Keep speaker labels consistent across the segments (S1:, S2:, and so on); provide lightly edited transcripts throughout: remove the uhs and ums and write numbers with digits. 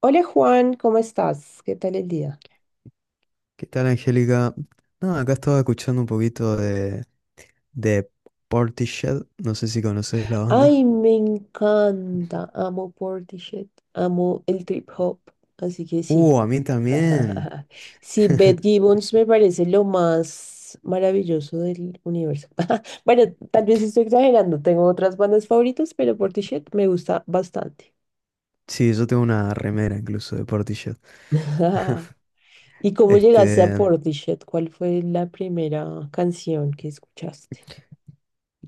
S1: Hola Juan, ¿cómo estás? ¿Qué tal el día?
S2: ¿Qué tal, Angélica? No, acá estaba escuchando un poquito de Portishead. No sé si conoces la
S1: Ay,
S2: banda.
S1: me encanta. Amo Portishead, amo el trip hop, así que sí.
S2: A mí también.
S1: Sí, Beth Gibbons me parece lo más maravilloso del universo. Bueno, tal vez estoy exagerando, tengo otras bandas favoritas, pero Portishead me gusta bastante.
S2: Sí, yo tengo una remera incluso de Portishead.
S1: ¿Y cómo llegaste a
S2: Este,
S1: Portishead? ¿Cuál fue la primera canción que escuchaste?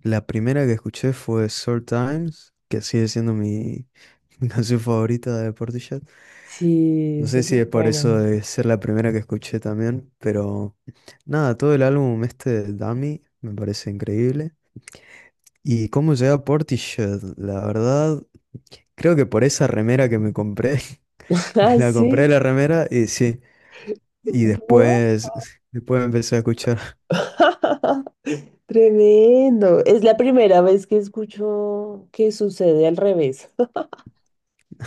S2: la primera que escuché fue Sour Times, que sigue siendo mi canción favorita de Portishead.
S1: Sí,
S2: No
S1: esa
S2: sé
S1: es
S2: si
S1: muy
S2: es por
S1: buena.
S2: eso de ser la primera que escuché también, pero nada, todo el álbum este Dummy me parece increíble. ¿Y cómo llegué a Portishead? La verdad, creo que por esa remera que me compré, me
S1: Ah,
S2: la
S1: sí.
S2: compré la remera y sí, y después, después empecé a escuchar.
S1: Tremendo. Es la primera vez que escucho que sucede al revés.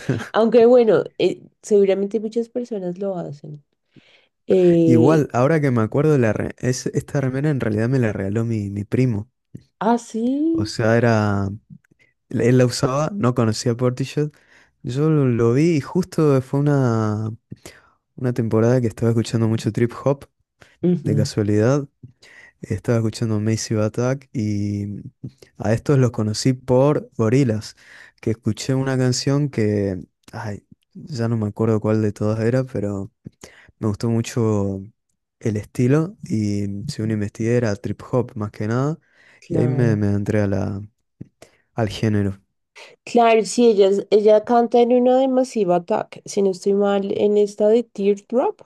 S1: Aunque bueno, seguramente muchas personas lo hacen. Eh,
S2: Igual, ahora que me acuerdo, esta remera en realidad me la regaló mi primo.
S1: ah,
S2: O
S1: sí.
S2: sea, era, él la usaba, no conocía Portishead. Yo lo vi y justo fue una temporada que estaba escuchando mucho trip hop, de
S1: Ujú,
S2: casualidad. Estaba escuchando Massive Attack y a estos los conocí por Gorillaz, que escuché una canción que, ay, ya no me acuerdo cuál de todas era, pero me gustó mucho el estilo, y si uno investiga era trip hop más que nada, y ahí
S1: claro.
S2: me entré a al género.
S1: Claro, sí, ella canta en una de Massive Attack. Si no estoy mal, en esta de Teardrop.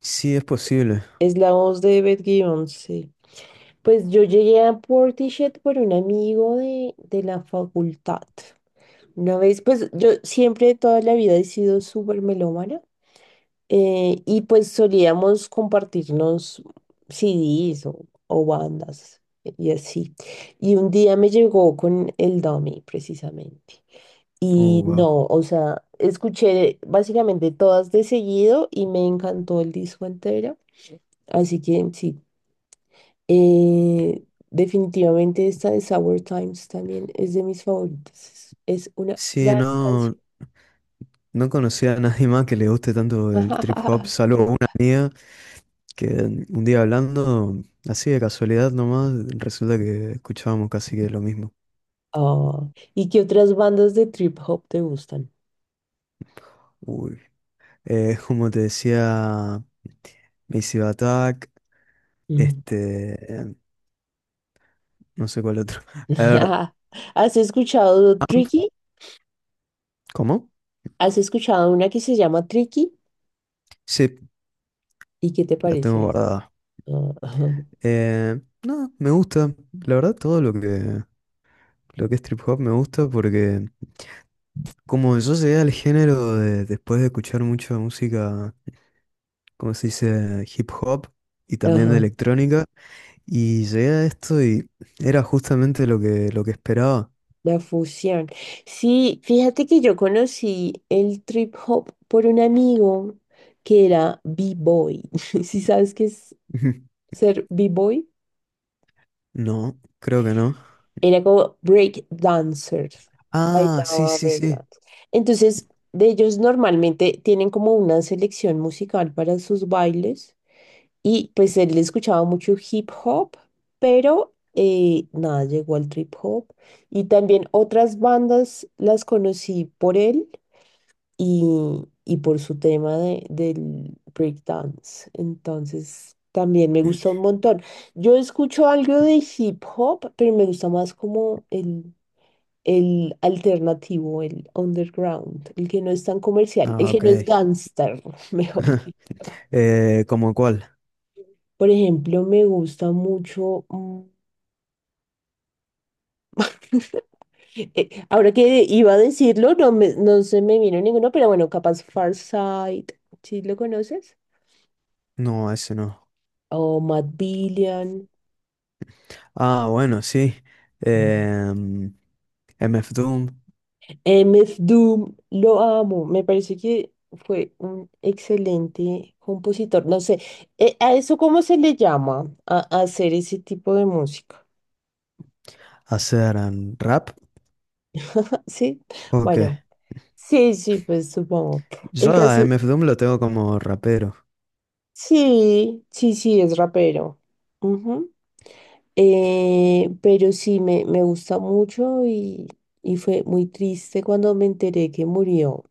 S2: Sí, es posible.
S1: Es la voz de Beth Gibbons, sí. Pues yo llegué a Portishead por un amigo de la facultad. Una vez, pues yo siempre toda la vida he sido súper melómana y pues solíamos compartirnos CDs o bandas y así. Y un día me llegó con el Dummy precisamente.
S2: Oh,
S1: Y
S2: wow.
S1: no, o sea, escuché básicamente todas de seguido y me encantó el disco entero. Así que sí, eh, definitivamente esta de Sour Times también es de mis favoritas. Es una
S2: Sí,
S1: gran
S2: no,
S1: canción.
S2: no conocía a nadie más que le guste tanto el trip hop, salvo una amiga que un día hablando, así de casualidad nomás, resulta que escuchábamos casi que lo mismo.
S1: Oh, ¿y qué otras bandas de trip hop te gustan?
S2: Uy. Como te decía, Massive Attack,
S1: Mm.
S2: este, eh, no sé cuál otro. A ver,
S1: ¿Has escuchado Tricky?
S2: ¿cómo?
S1: ¿Has escuchado una que se llama Tricky?
S2: Sí,
S1: ¿Y qué te
S2: la tengo
S1: parece eso?
S2: guardada.
S1: Ah, Ajá,
S2: Eh, no, me gusta, la verdad todo lo que es trip hop me gusta porque como yo llegué al después de escuchar mucha música, como se dice, hip hop y también de
S1: ajá,
S2: electrónica, y llegué a esto y era justamente lo que esperaba.
S1: la fusión. Sí, fíjate que yo conocí el trip hop por un amigo que era B-boy. ¿Sí sabes qué es ser B-boy?
S2: No, creo que no.
S1: Era como break dancers
S2: Ah, sí,
S1: bailaba
S2: sí,
S1: break
S2: sí.
S1: dance. Entonces, de ellos normalmente tienen como una selección musical para sus bailes y pues él escuchaba mucho hip hop, pero nada, llegó al trip hop. Y también otras bandas las conocí por él y por su tema del break dance. Entonces, también me gusta un montón. Yo escucho algo de hip hop, pero me gusta más como el alternativo, el underground, el que no es tan comercial,
S2: Ah,
S1: el que
S2: ok.
S1: no es gangster, mejor dicho.
S2: ¿Cómo cuál?
S1: Por ejemplo, me gusta mucho, ahora que iba a decirlo, no, no se me vino ninguno, pero bueno, capaz Farsight, ¿sí lo conoces?
S2: No, ese no.
S1: O Matt Billion.
S2: Ah, bueno, sí. Em, MF Doom,
S1: MF Doom, lo amo, me parece que fue un excelente compositor. No sé, ¿a eso cómo se le llama? A hacer ese tipo de música.
S2: hacer rap.
S1: Sí,
S2: Ok.
S1: bueno, sí, sí, pues supongo.
S2: Yo
S1: El
S2: a
S1: caso,
S2: MF Doom lo tengo como rapero.
S1: sí, sí, sí, es rapero. Ujú. Pero sí, me gusta mucho y fue muy triste cuando me enteré que murió,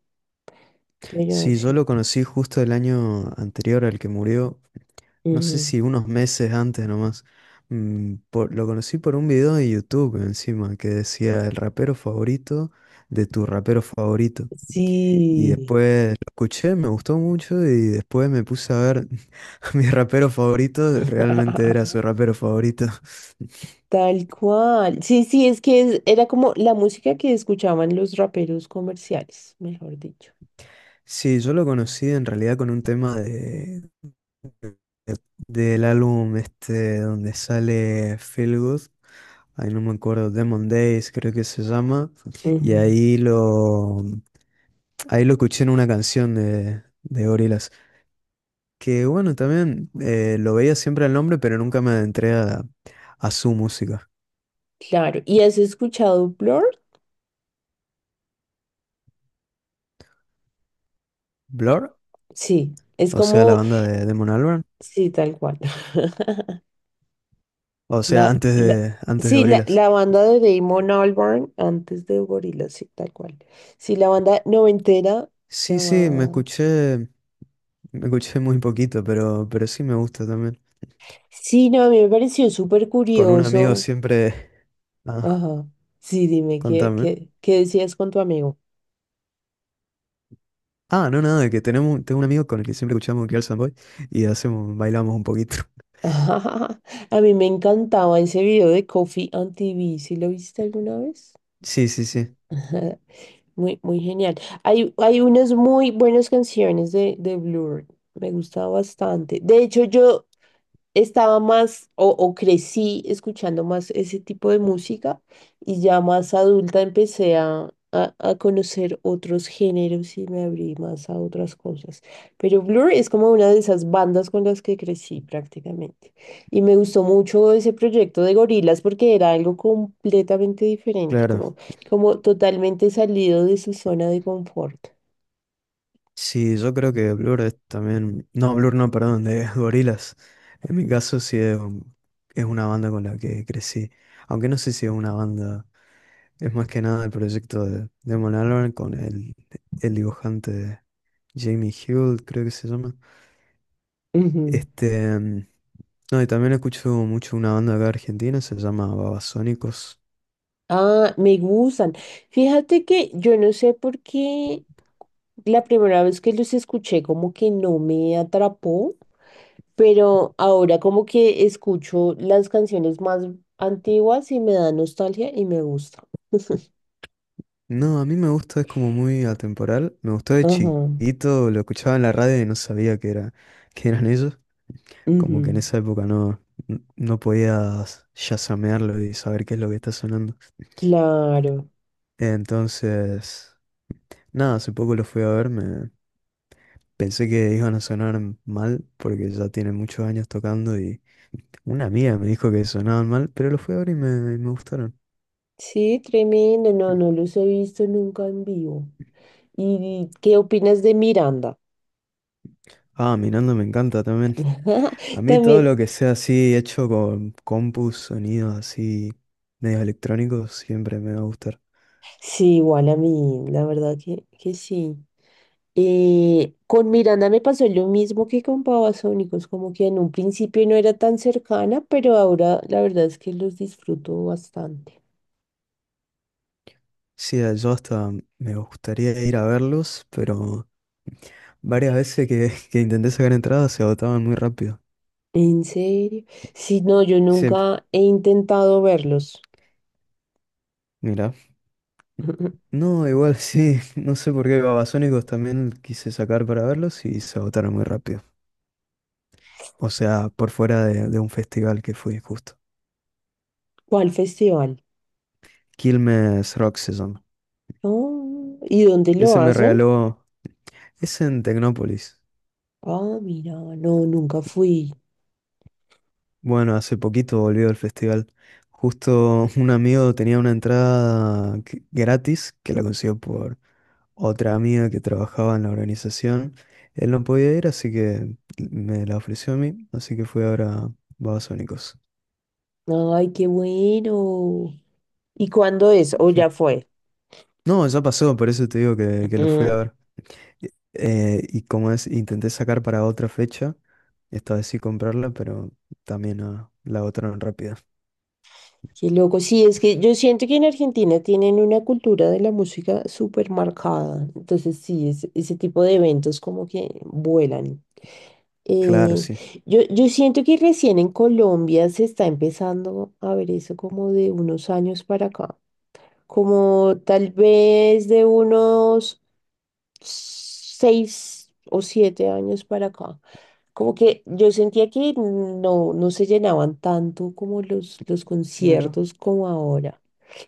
S1: pero
S2: Sí, yo
S1: sí.
S2: lo conocí justo el año anterior al que murió, no sé
S1: Ujú.
S2: si unos meses antes nomás. Lo conocí por un video de YouTube encima que decía el rapero favorito de tu rapero favorito. Y
S1: Sí.
S2: después lo escuché, me gustó mucho y después me puse a ver a mi rapero favorito, realmente era su rapero favorito.
S1: Tal cual. Sí, sí, es que era como la música que escuchaban los raperos comerciales, mejor dicho.
S2: Sí, yo lo conocí en realidad con un tema del álbum este donde sale Feel Good. Ay, no me acuerdo, Demon Days creo que se llama. Y
S1: Ujú.
S2: ahí lo escuché en una canción de Gorillaz. Que bueno, también lo veía siempre el nombre, pero nunca me adentré a su música.
S1: Claro. ¿Y has escuchado Blur?
S2: Blur,
S1: Sí, es
S2: o sea, la
S1: como,
S2: banda de Damon Albarn,
S1: sí, tal cual.
S2: o sea,
S1: La, la,
S2: antes de
S1: sí, la,
S2: Gorillaz.
S1: la banda de Damon Albarn antes de Gorillaz, sí, tal cual. Sí, la banda noventera
S2: Sí, sí,
S1: llamada.
S2: me escuché muy poquito, pero sí me gusta también.
S1: Sí, no, a mí me pareció súper
S2: Con un amigo
S1: curioso.
S2: siempre. Ah,
S1: Ajá. Sí, dime, ¿qué,
S2: contame.
S1: qué, qué decías con tu amigo?
S2: Ah, no, nada, que tenemos, tengo un amigo con el que siempre escuchamos Girls and Boys y hacemos, bailamos un poquito.
S1: A mí me encantaba ese video de Coffee on TV. ¿Sí lo viste alguna vez?
S2: Sí, sí, sí,
S1: Muy, muy genial. Hay unas muy buenas canciones de Blur. Me gusta bastante. De hecho, yo estaba más o crecí escuchando más ese tipo de música y ya más adulta empecé a conocer otros géneros y me abrí más a otras cosas. Pero Blur es como una de esas bandas con las que crecí prácticamente. Y me gustó mucho ese proyecto de gorilas porque era algo completamente diferente,
S2: claro.
S1: como totalmente salido de su zona de confort.
S2: Sí, yo creo que Blur es también. No, Blur no, perdón, de Gorillaz. En mi caso es una banda con la que crecí. Aunque no sé si es una banda. Es más que nada el proyecto de Damon Albarn con el dibujante Jamie Hill, creo que se llama.
S1: Ujú.
S2: Este, mm, no, y también escucho mucho una banda acá argentina, se llama Babasónicos.
S1: Ah, me gustan. Fíjate que yo no sé por qué la primera vez que los escuché como que no me atrapó, pero ahora como que escucho las canciones más antiguas y me da nostalgia y me gusta.
S2: No, a mí me gusta, es como muy atemporal. Me gustó de
S1: Ajá.
S2: chiquito, lo escuchaba en la radio y no sabía que eran ellos. Como que en
S1: Ujú.
S2: esa época no podías chasamearlo y saber qué es lo que está sonando.
S1: Claro.
S2: Entonces, nada, hace poco lo fui a ver, me pensé que iban a sonar mal porque ya tienen muchos años tocando y una amiga me dijo que sonaban mal, pero lo fui a ver y me gustaron.
S1: Sí, tremendo. No, no los he visto nunca en vivo. ¿Y qué opinas de Miranda?
S2: Ah, mirando me encanta también. A mí todo
S1: También,
S2: lo que sea así hecho con compus, sonidos así medios electrónicos, siempre me va a gustar.
S1: sí, igual a mí, la verdad que, sí. Con Miranda me pasó lo mismo que con Babasónicos, como que en un principio no era tan cercana, pero ahora la verdad es que los disfruto bastante.
S2: Sí, yo hasta me gustaría ir a verlos, pero varias veces que intenté sacar entradas se agotaban muy rápido.
S1: ¿En serio? Sí, no, yo
S2: Sí,
S1: nunca he intentado verlos.
S2: mira. No, igual sí, no sé por qué Babasónicos también quise sacar para verlos y se agotaron muy rápido. O sea, por fuera de un festival que fui justo.
S1: ¿Cuál festival?
S2: Quilmes Rock se llama.
S1: Oh, ¿y dónde lo
S2: Ese me
S1: hacen?
S2: regaló. Es en Tecnópolis.
S1: Ah, mira, no, nunca fui.
S2: Bueno, hace poquito volvió el festival. Justo un amigo tenía una gratis que la consiguió por otra amiga que trabajaba en la organización. Él no podía ir, así que me la ofreció a mí. Así que fui ahora a Babasónicos.
S1: Ay, qué bueno. ¿Y cuándo es? ¿O ya fue?
S2: No, ya pasó, por eso te digo que lo fui
S1: Mm,
S2: a ver. Y eh, y como es, intenté sacar para otra fecha. Esta vez sí comprarla, pero también ah, la agotaron rápido.
S1: qué loco. Sí, es que yo siento que en Argentina tienen una cultura de la música súper marcada. Entonces, sí, ese tipo de eventos como que vuelan.
S2: Claro,
S1: Eh,
S2: sí.
S1: yo siento que recién en Colombia se está empezando a ver eso como de unos años para acá. Como tal vez de unos 6 o 7 años para acá. Como que yo sentía que no se llenaban tanto como los
S2: Mira,
S1: conciertos como ahora.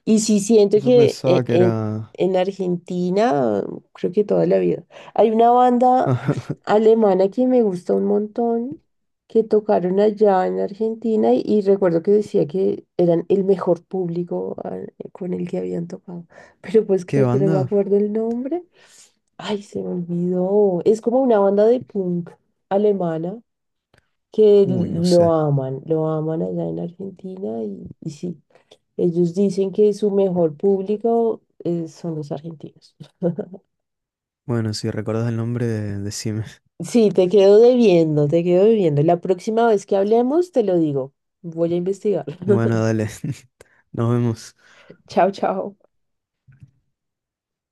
S1: Y sí siento
S2: yo
S1: que e-
S2: pensaba que
S1: en,
S2: era...
S1: en Argentina, creo que toda la vida, hay una banda alemana que me gusta un montón, que tocaron allá en Argentina y recuerdo que decía que eran el mejor público con el que habían tocado. Pero puedes
S2: ¿Qué
S1: creer que no me
S2: banda?
S1: acuerdo el nombre. Ay, se me olvidó. Es como una banda de punk alemana que
S2: Uy, no sé.
S1: lo aman allá en Argentina y sí, ellos dicen que su mejor público son los argentinos.
S2: Bueno, si recordás el nombre, decime.
S1: Sí, te quedo debiendo, te quedo debiendo. La próxima vez que hablemos, te lo digo. Voy a investigar.
S2: Bueno, dale. Nos vemos.
S1: Chao, chao.